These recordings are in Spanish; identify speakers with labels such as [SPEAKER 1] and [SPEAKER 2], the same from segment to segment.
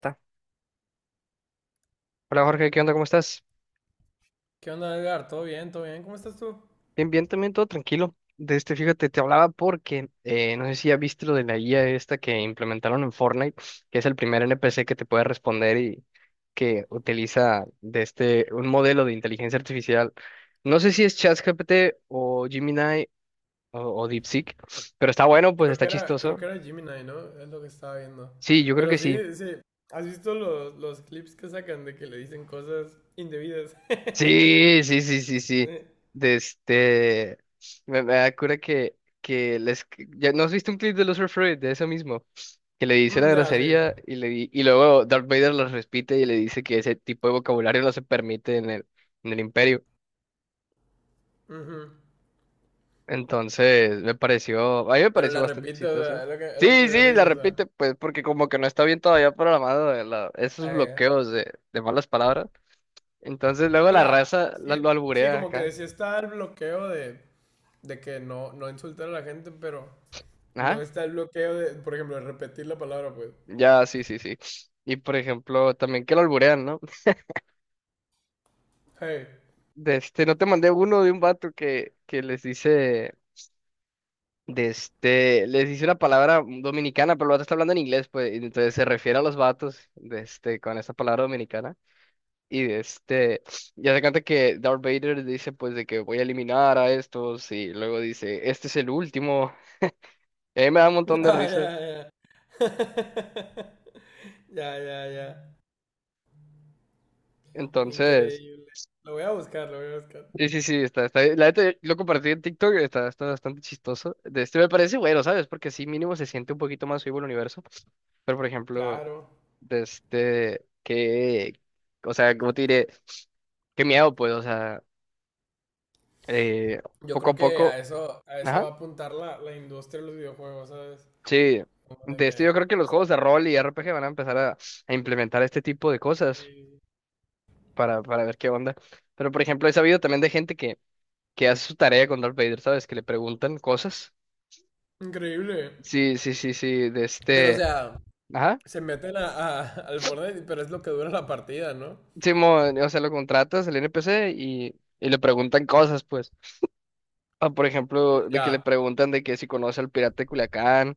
[SPEAKER 1] Ta. Hola Jorge, ¿qué onda? ¿Cómo estás?
[SPEAKER 2] ¿Qué onda, Edgar? ¿Todo bien? ¿Todo bien? ¿Cómo estás tú?
[SPEAKER 1] Bien, bien, también todo tranquilo. Fíjate, te hablaba porque no sé si ya viste lo de la IA esta que implementaron en Fortnite, que es el primer NPC que te puede responder y que utiliza de este un modelo de inteligencia artificial. No sé si es ChatGPT o Gemini o DeepSeek, pero está bueno, pues
[SPEAKER 2] Creo
[SPEAKER 1] está
[SPEAKER 2] que era, creo
[SPEAKER 1] chistoso.
[SPEAKER 2] que era Gemini, ¿no? Es lo que estaba viendo.
[SPEAKER 1] Sí, yo creo
[SPEAKER 2] Pero
[SPEAKER 1] que
[SPEAKER 2] sí,
[SPEAKER 1] sí.
[SPEAKER 2] sí. ¿Has visto los clips que sacan de que le dicen cosas indebidas?
[SPEAKER 1] Sí, sí, sí, sí, sí.
[SPEAKER 2] Sí.
[SPEAKER 1] De este. Me da cura que les. ¿Ya no has visto un clip de Los Freud de eso mismo? Que le dice la
[SPEAKER 2] Mm, ya, sí.
[SPEAKER 1] grosería y luego Darth Vader los repite y le dice que ese tipo de vocabulario no se permite en el Imperio.
[SPEAKER 2] Ujú.
[SPEAKER 1] Entonces, me pareció. A mí me
[SPEAKER 2] Pero
[SPEAKER 1] pareció
[SPEAKER 2] la
[SPEAKER 1] bastante
[SPEAKER 2] repito, o sea,
[SPEAKER 1] chistoso.
[SPEAKER 2] es lo que
[SPEAKER 1] Sí,
[SPEAKER 2] me dio
[SPEAKER 1] sí, la
[SPEAKER 2] risa, o sea.
[SPEAKER 1] repite, pues, porque como que no está bien todavía programado, esos
[SPEAKER 2] Eh,
[SPEAKER 1] bloqueos de malas palabras. Entonces, luego
[SPEAKER 2] o
[SPEAKER 1] la
[SPEAKER 2] sea,
[SPEAKER 1] raza
[SPEAKER 2] sí,
[SPEAKER 1] lo
[SPEAKER 2] sí,
[SPEAKER 1] alburea
[SPEAKER 2] como que
[SPEAKER 1] acá.
[SPEAKER 2] sí está el bloqueo de que no, no insultar a la gente, pero no
[SPEAKER 1] Ajá.
[SPEAKER 2] está el bloqueo de, por ejemplo, de repetir la palabra, pues.
[SPEAKER 1] Ya, sí, sí, sí. Y por ejemplo, también que lo alburean, ¿no?
[SPEAKER 2] Hey.
[SPEAKER 1] No te mandé uno de un vato que les dice, les dice una palabra dominicana, pero el vato está hablando en inglés, pues, y entonces se refiere a los vatos, con esa palabra dominicana. Y de este, ya se cuenta que Darth Vader dice, pues, de que voy a eliminar a estos, y luego dice, este es el último. Y a mí me da un montón de
[SPEAKER 2] Ya,
[SPEAKER 1] risa.
[SPEAKER 2] ya, ya. Ya, ya, ya.
[SPEAKER 1] Entonces.
[SPEAKER 2] Increíble. Lo voy a buscar, lo voy a buscar.
[SPEAKER 1] Sí, sí, sí, está, está. La neta, yo lo compartí en TikTok, está, está bastante chistoso. De este me parece bueno, ¿sabes? Porque sí, mínimo se siente un poquito más vivo el universo. Pero, por ejemplo,
[SPEAKER 2] Claro.
[SPEAKER 1] de este, que, o sea, ¿cómo te diré? Qué miedo, pues, o sea, eh,
[SPEAKER 2] Yo
[SPEAKER 1] poco
[SPEAKER 2] creo
[SPEAKER 1] a
[SPEAKER 2] que
[SPEAKER 1] poco,
[SPEAKER 2] a eso
[SPEAKER 1] ajá,
[SPEAKER 2] va a apuntar la industria de los videojuegos, ¿sabes?
[SPEAKER 1] sí.
[SPEAKER 2] Como de que,
[SPEAKER 1] Yo creo que
[SPEAKER 2] o
[SPEAKER 1] los
[SPEAKER 2] sea,
[SPEAKER 1] juegos de rol y RPG van a empezar a implementar este tipo de cosas
[SPEAKER 2] sí.
[SPEAKER 1] para ver qué onda. Pero, por ejemplo, he sabido también de gente que hace su tarea con Darth Vader, ¿sabes? Que le preguntan cosas.
[SPEAKER 2] Increíble.
[SPEAKER 1] Sí, sí, sí, sí, de
[SPEAKER 2] Pero, o
[SPEAKER 1] este.
[SPEAKER 2] sea,
[SPEAKER 1] Ajá.
[SPEAKER 2] se meten a, al Fortnite, pero es lo que dura la partida, ¿no?
[SPEAKER 1] Simón, o sea, lo contratas el NPC y le preguntan cosas, pues. Ah, por ejemplo,
[SPEAKER 2] Mm,
[SPEAKER 1] de que le
[SPEAKER 2] ya,
[SPEAKER 1] preguntan de que si conoce al pirata de Culiacán.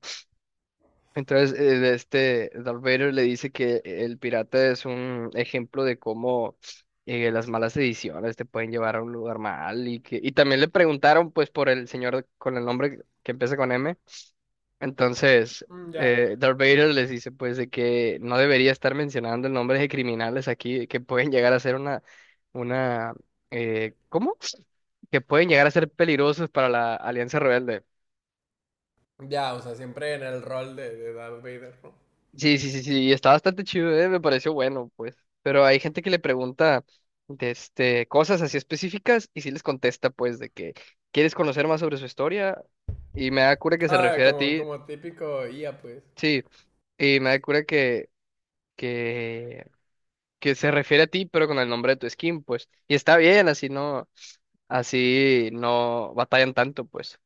[SPEAKER 1] Entonces, de este Darth Vader le dice que el pirata es un ejemplo de cómo, las malas ediciones te pueden llevar a un lugar mal. Y que, y también le preguntaron, pues, por el señor con el nombre que empieza con M. Entonces,
[SPEAKER 2] mm, ya.
[SPEAKER 1] Darth Vader les dice pues de que no debería estar mencionando nombres de criminales aquí que pueden llegar a ser una, ¿cómo? Que pueden llegar a ser peligrosos para la Alianza Rebelde.
[SPEAKER 2] Ya, o sea, siempre en el rol de Darth Vader, ¿no?
[SPEAKER 1] Sí, sí, sí, sí, y está bastante chido, me pareció bueno, pues. Pero hay gente que le pregunta, cosas así específicas y sí les contesta pues de que quieres conocer más sobre su historia y me da cura que se
[SPEAKER 2] Ah,
[SPEAKER 1] refiere a
[SPEAKER 2] como,
[SPEAKER 1] ti,
[SPEAKER 2] como típico IA, pues.
[SPEAKER 1] sí, y me da cura que que se refiere a ti, pero con el nombre de tu skin, pues. Y está bien, así no batallan tanto, pues.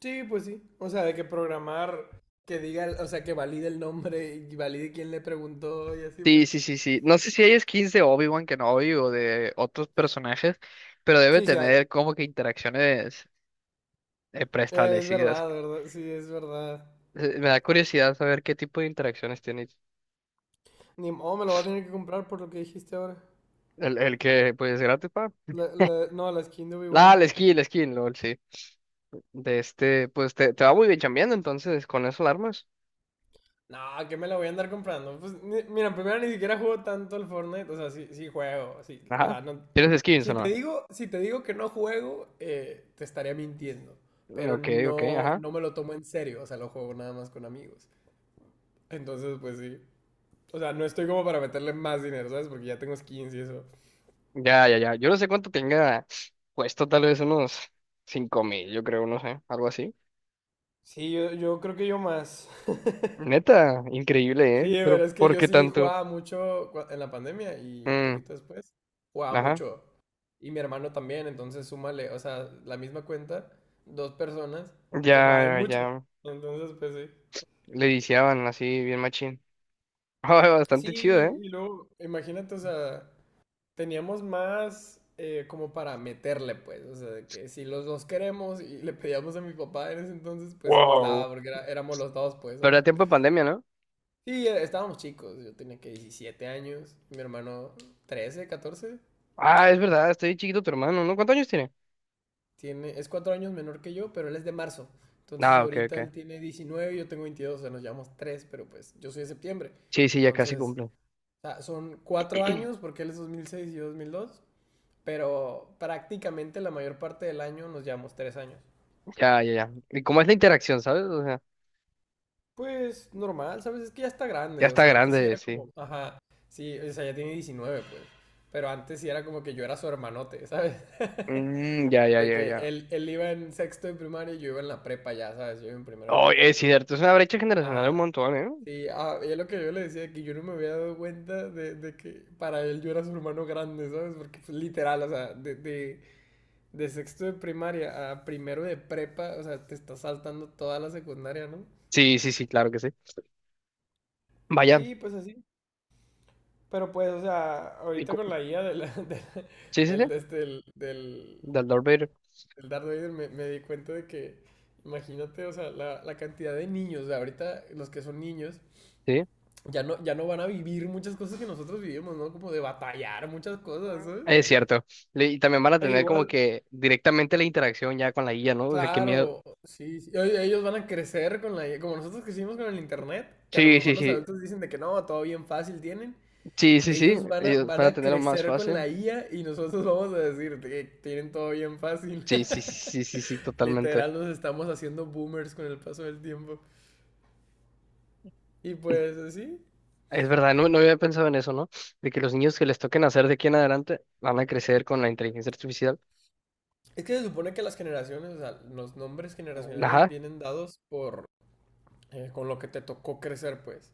[SPEAKER 2] Sí, pues sí. O sea, de que programar que diga, o sea, que valide el nombre y valide quién le preguntó y así, pues.
[SPEAKER 1] Sí, sí, sí, sí. No sé si hay skins de Obi-Wan Kenobi o de otros personajes, pero debe
[SPEAKER 2] Sí, sí hay.
[SPEAKER 1] tener como que interacciones
[SPEAKER 2] Es
[SPEAKER 1] preestablecidas.
[SPEAKER 2] verdad, verdad. Sí, es verdad.
[SPEAKER 1] Me da curiosidad saber qué tipo de interacciones tiene
[SPEAKER 2] Ni oh, me lo voy a tener que comprar por lo que dijiste ahora.
[SPEAKER 1] el que, pues, es gratis, pa.
[SPEAKER 2] No, la skin de Obi-Wan.
[SPEAKER 1] Ah, la skin, LOL, sí. Pues te va muy bien chambeando, entonces, con eso alarmas.
[SPEAKER 2] No, que me la voy a andar comprando. Pues, mira, primero ni siquiera juego tanto al Fortnite. O sea, sí, sí juego. Sí, o
[SPEAKER 1] Ajá.
[SPEAKER 2] sea, no.
[SPEAKER 1] ¿Tienes skins o
[SPEAKER 2] Si te
[SPEAKER 1] no?
[SPEAKER 2] digo, si te digo que no juego, te estaría mintiendo. Pero
[SPEAKER 1] Ok, ok,
[SPEAKER 2] no,
[SPEAKER 1] ajá.
[SPEAKER 2] no me lo tomo en serio. O sea, lo juego nada más con amigos. Entonces, pues sí. O sea, no estoy como para meterle más dinero, ¿sabes? Porque ya tengo skins y eso.
[SPEAKER 1] Ya, ya, ya. Yo no sé cuánto tenga puesto, tal vez unos 5000, yo creo, no sé, algo así.
[SPEAKER 2] Sí, yo creo que yo más.
[SPEAKER 1] Neta, increíble,
[SPEAKER 2] Sí,
[SPEAKER 1] ¿eh? Pero
[SPEAKER 2] pero es que
[SPEAKER 1] ¿por
[SPEAKER 2] yo
[SPEAKER 1] qué
[SPEAKER 2] sí
[SPEAKER 1] tanto?
[SPEAKER 2] jugaba mucho en la pandemia y
[SPEAKER 1] Mm,
[SPEAKER 2] poquito después jugaba
[SPEAKER 1] ajá.
[SPEAKER 2] mucho. Y mi hermano también, entonces súmale, o sea, la misma cuenta, dos personas que jugaban
[SPEAKER 1] Ya,
[SPEAKER 2] mucho.
[SPEAKER 1] ya.
[SPEAKER 2] Entonces, pues sí.
[SPEAKER 1] Le viciaban así, bien machín. Ay,
[SPEAKER 2] Sí,
[SPEAKER 1] bastante chido, ¿eh?
[SPEAKER 2] y luego, imagínate, o sea, teníamos más como para meterle, pues, o sea, de que si los dos queremos y le pedíamos a mi papá en ese entonces, pues sí nos daba,
[SPEAKER 1] Wow.
[SPEAKER 2] porque éramos los dos, pues,
[SPEAKER 1] Pero
[SPEAKER 2] ¿sabes?
[SPEAKER 1] era tiempo de pandemia, ¿no?
[SPEAKER 2] Sí, estábamos chicos, yo tenía que 17 años, mi hermano 13, 14
[SPEAKER 1] Ah, es verdad, está bien chiquito tu hermano, ¿no? ¿Cuántos años tiene?
[SPEAKER 2] tiene, es 4 años menor que yo, pero él es de marzo, entonces
[SPEAKER 1] Ah, ok, ok.
[SPEAKER 2] ahorita él tiene 19 y yo tengo 22, o sea, nos llevamos tres, pero pues yo soy de septiembre,
[SPEAKER 1] Sí, sí, ya casi
[SPEAKER 2] entonces,
[SPEAKER 1] cumple.
[SPEAKER 2] o sea, son 4 años, porque él es 2006 y yo 2002, pero prácticamente la mayor parte del año nos llevamos 3 años.
[SPEAKER 1] Ya, ya, ya. ¿Y cómo es la interacción, sabes? O sea,
[SPEAKER 2] Pues normal, ¿sabes? Es que ya está
[SPEAKER 1] ya
[SPEAKER 2] grande, o
[SPEAKER 1] está
[SPEAKER 2] sea, antes sí
[SPEAKER 1] grande,
[SPEAKER 2] era
[SPEAKER 1] sí.
[SPEAKER 2] como, ajá, sí, o sea, ya tiene 19 pues, pero antes sí era como que yo era su hermanote, ¿sabes?
[SPEAKER 1] Mm, ya, ya,
[SPEAKER 2] De
[SPEAKER 1] ya,
[SPEAKER 2] que
[SPEAKER 1] ya.
[SPEAKER 2] él iba en sexto de primaria y yo iba en la prepa ya, ¿sabes? Yo iba en primero de
[SPEAKER 1] Oh,
[SPEAKER 2] prepa.
[SPEAKER 1] es cierto, es una brecha generacional un
[SPEAKER 2] Ajá.
[SPEAKER 1] montón, ¿eh?
[SPEAKER 2] Sí, ah, y es lo que yo le decía, que yo no me había dado cuenta de que para él yo era su hermano grande, ¿sabes? Porque pues, literal, o sea, de sexto de primaria a primero de prepa, o sea, te está saltando toda la secundaria, ¿no?
[SPEAKER 1] Sí, sí, sí, claro que sí. Vaya.
[SPEAKER 2] Sí, pues así. Pero pues, o sea,
[SPEAKER 1] y
[SPEAKER 2] ahorita
[SPEAKER 1] co-
[SPEAKER 2] con la IA de la-
[SPEAKER 1] Sí, sí, sí.
[SPEAKER 2] del, de este, del, del,
[SPEAKER 1] Del Darth Vader.
[SPEAKER 2] del Darth Vader me, me di cuenta de que, imagínate, o sea, la cantidad de niños, o sea, ahorita los que son niños,
[SPEAKER 1] Sí,
[SPEAKER 2] ya no, ya no van a vivir muchas cosas que nosotros vivimos, ¿no? Como de batallar muchas
[SPEAKER 1] Mm.
[SPEAKER 2] cosas, ¿sabes?
[SPEAKER 1] Es cierto. Y también van a
[SPEAKER 2] E
[SPEAKER 1] tener
[SPEAKER 2] igual,
[SPEAKER 1] como que directamente la interacción ya con la guía, ¿no? O sea, qué miedo.
[SPEAKER 2] claro, sí, sí, ellos van a crecer con la IA, como nosotros crecimos con el internet, que a lo
[SPEAKER 1] Sí,
[SPEAKER 2] mejor
[SPEAKER 1] sí,
[SPEAKER 2] los
[SPEAKER 1] sí.
[SPEAKER 2] adultos dicen de que no, todo bien fácil tienen.
[SPEAKER 1] Sí, sí, sí.
[SPEAKER 2] Ellos van a,
[SPEAKER 1] Ellos
[SPEAKER 2] van
[SPEAKER 1] van a
[SPEAKER 2] a
[SPEAKER 1] tenerlo más
[SPEAKER 2] crecer con la
[SPEAKER 1] fácil.
[SPEAKER 2] IA y nosotros vamos a decir que tienen todo bien fácil.
[SPEAKER 1] Sí, sí, sí, sí, sí, sí, totalmente.
[SPEAKER 2] Literal, nos estamos haciendo boomers con el paso del tiempo. Y pues así.
[SPEAKER 1] Es verdad, no, no había pensado en eso, ¿no? De que los niños que les toquen hacer de aquí en adelante van a crecer con la inteligencia artificial.
[SPEAKER 2] Es que se supone que las generaciones, o sea, los nombres generacionales
[SPEAKER 1] Ajá.
[SPEAKER 2] vienen dados por con lo que te tocó crecer, pues.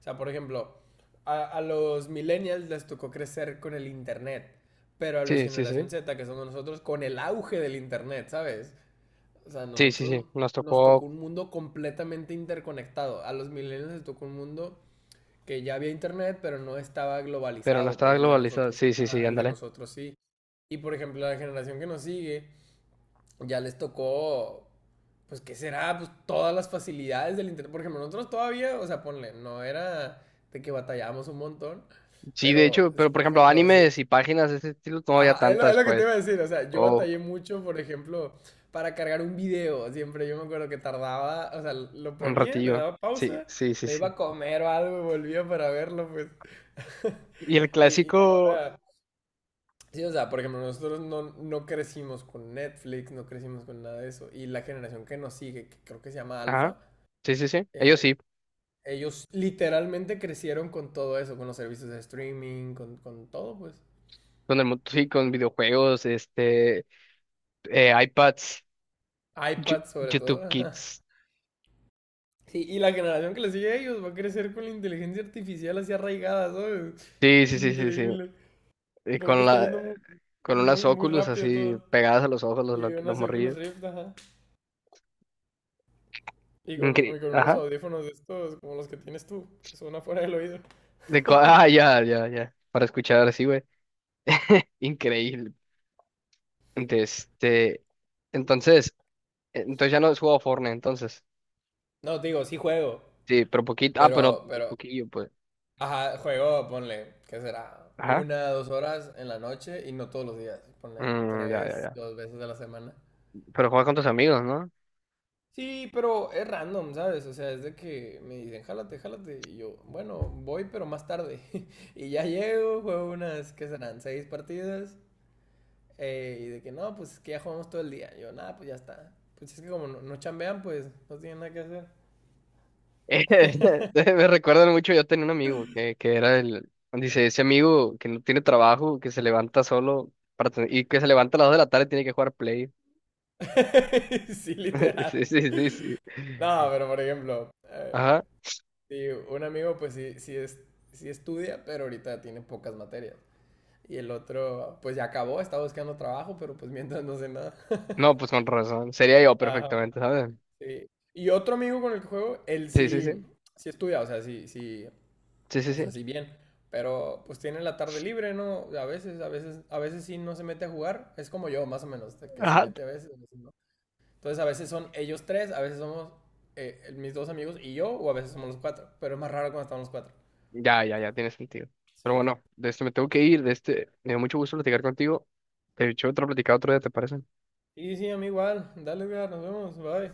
[SPEAKER 2] O sea, por ejemplo, a los millennials les tocó crecer con el internet, pero a los
[SPEAKER 1] Sí, sí, sí.
[SPEAKER 2] generación Z, que somos nosotros, con el auge del internet, ¿sabes? O sea, a
[SPEAKER 1] Sí, sí,
[SPEAKER 2] nosotros
[SPEAKER 1] sí. Nos
[SPEAKER 2] nos
[SPEAKER 1] tocó,
[SPEAKER 2] tocó un mundo completamente interconectado. A los millennials les tocó un mundo que ya había internet, pero no estaba
[SPEAKER 1] pero no
[SPEAKER 2] globalizado,
[SPEAKER 1] está
[SPEAKER 2] pues el de
[SPEAKER 1] globalizado.
[SPEAKER 2] nosotros,
[SPEAKER 1] Sí, sí, sí,
[SPEAKER 2] ajá, el de
[SPEAKER 1] ándale.
[SPEAKER 2] nosotros sí. Y por ejemplo, a la generación que nos sigue ya les tocó pues qué será, pues todas las facilidades del internet. Por ejemplo, nosotros todavía, o sea, ponle, no era de que batallamos un montón,
[SPEAKER 1] Sí, de
[SPEAKER 2] pero
[SPEAKER 1] hecho, pero por
[SPEAKER 2] por
[SPEAKER 1] ejemplo,
[SPEAKER 2] ejemplo, si,
[SPEAKER 1] animes y páginas de ese estilo no había
[SPEAKER 2] ajá, es lo, es
[SPEAKER 1] tantas,
[SPEAKER 2] lo que te
[SPEAKER 1] pues.
[SPEAKER 2] iba a decir, o sea, yo
[SPEAKER 1] O
[SPEAKER 2] batallé mucho, por ejemplo, para cargar un video, siempre yo me acuerdo que tardaba, o sea, lo
[SPEAKER 1] un
[SPEAKER 2] ponía, le
[SPEAKER 1] ratillo.
[SPEAKER 2] daba
[SPEAKER 1] Sí,
[SPEAKER 2] pausa,
[SPEAKER 1] sí, sí,
[SPEAKER 2] me iba
[SPEAKER 1] sí.
[SPEAKER 2] a comer o algo y volvía para verlo, pues.
[SPEAKER 1] Y el
[SPEAKER 2] Y
[SPEAKER 1] clásico,
[SPEAKER 2] ahora, sí, o sea, por ejemplo, nosotros no, no crecimos con Netflix, no crecimos con nada de eso, y la generación que nos sigue, que creo que se llama
[SPEAKER 1] ajá.
[SPEAKER 2] Alfa,
[SPEAKER 1] Sí, sí, sí. Ellos
[SPEAKER 2] eh,
[SPEAKER 1] sí.
[SPEAKER 2] ellos literalmente crecieron con todo eso, con los servicios de streaming, con todo, pues.
[SPEAKER 1] Sí, con videojuegos, este, iPads,
[SPEAKER 2] iPad sobre
[SPEAKER 1] YouTube
[SPEAKER 2] todo.
[SPEAKER 1] Kids.
[SPEAKER 2] Sí, y la generación que le sigue a ellos va a crecer con la inteligencia artificial así arraigada, ¿sabes?
[SPEAKER 1] Sí, sí, sí, sí, sí.
[SPEAKER 2] Increíble.
[SPEAKER 1] Y
[SPEAKER 2] Creo que
[SPEAKER 1] con
[SPEAKER 2] está
[SPEAKER 1] la,
[SPEAKER 2] yendo muy,
[SPEAKER 1] con unas
[SPEAKER 2] muy, muy
[SPEAKER 1] óculos
[SPEAKER 2] rápido
[SPEAKER 1] así
[SPEAKER 2] todo.
[SPEAKER 1] pegadas a los ojos,
[SPEAKER 2] Sí,
[SPEAKER 1] los
[SPEAKER 2] unas Oculus
[SPEAKER 1] morrillos.
[SPEAKER 2] Rift, ajá. Y con unos
[SPEAKER 1] Ajá.
[SPEAKER 2] audífonos de estos, como los que tienes tú, que son afuera del oído.
[SPEAKER 1] Ah, ya, ya, ya. Para escuchar así, güey. Increíble. De este. Entonces. Entonces ya no has jugado Fortnite, entonces.
[SPEAKER 2] No, te digo, sí juego.
[SPEAKER 1] Sí, pero poquito. Ah, pero
[SPEAKER 2] Pero,
[SPEAKER 1] poquillo, pues.
[SPEAKER 2] ajá, juego, ponle, ¿qué será?
[SPEAKER 1] Ajá.
[SPEAKER 2] Una, dos horas en la noche y no todos los días. Ponle
[SPEAKER 1] Mm, ya, ya,
[SPEAKER 2] tres,
[SPEAKER 1] ya.
[SPEAKER 2] dos veces a la semana.
[SPEAKER 1] Pero juega con tus amigos, ¿no?
[SPEAKER 2] Sí, pero es random, ¿sabes? O sea, es de que me dicen, jálate, jálate. Y yo, bueno, voy, pero más tarde. Y ya llego, juego unas, ¿qué serán? 6 partidas. Y de que no, pues es que ya jugamos todo el día. Yo, nada, pues ya está. Pues es que como no, no chambean, pues no tienen nada que hacer.
[SPEAKER 1] Me recuerdan mucho, yo tenía un amigo que era el. Dice, ese amigo que no tiene trabajo, que se levanta solo para ten- y que se levanta a las 2 de la tarde y tiene que jugar Play.
[SPEAKER 2] Sí, literal.
[SPEAKER 1] Sí, sí, sí, sí.
[SPEAKER 2] No, pero por ejemplo,
[SPEAKER 1] Ajá.
[SPEAKER 2] sí, un amigo, pues sí, sí estudia, pero ahorita tiene pocas materias. Y el otro, pues ya acabó, está buscando trabajo, pero pues mientras no sé nada.
[SPEAKER 1] No, pues con razón. Sería yo
[SPEAKER 2] Ajá.
[SPEAKER 1] perfectamente, ¿sabes?
[SPEAKER 2] Sí. Y otro amigo con el que juego, él
[SPEAKER 1] Sí, sí,
[SPEAKER 2] sí,
[SPEAKER 1] sí.
[SPEAKER 2] sí estudia, o sea, sí, sí,
[SPEAKER 1] Sí, sí,
[SPEAKER 2] o sea,
[SPEAKER 1] sí.
[SPEAKER 2] sí bien, pero pues tiene la tarde libre, ¿no? A veces, a veces, a veces sí no se mete a jugar, es como yo, más o menos, de que se
[SPEAKER 1] Ajá.
[SPEAKER 2] mete a veces no. Entonces a veces son ellos tres, a veces somos mis dos amigos y yo, o a veces somos los cuatro, pero es más raro cuando estamos los cuatro.
[SPEAKER 1] Ya, ya, ya, tiene sentido. Pero
[SPEAKER 2] Sí.
[SPEAKER 1] bueno, de este me tengo que ir, me dio mucho gusto platicar contigo. De hecho, otra platicada otro día, ¿te parece?
[SPEAKER 2] Y sí, a mí igual, dale, Edgar, nos vemos, bye.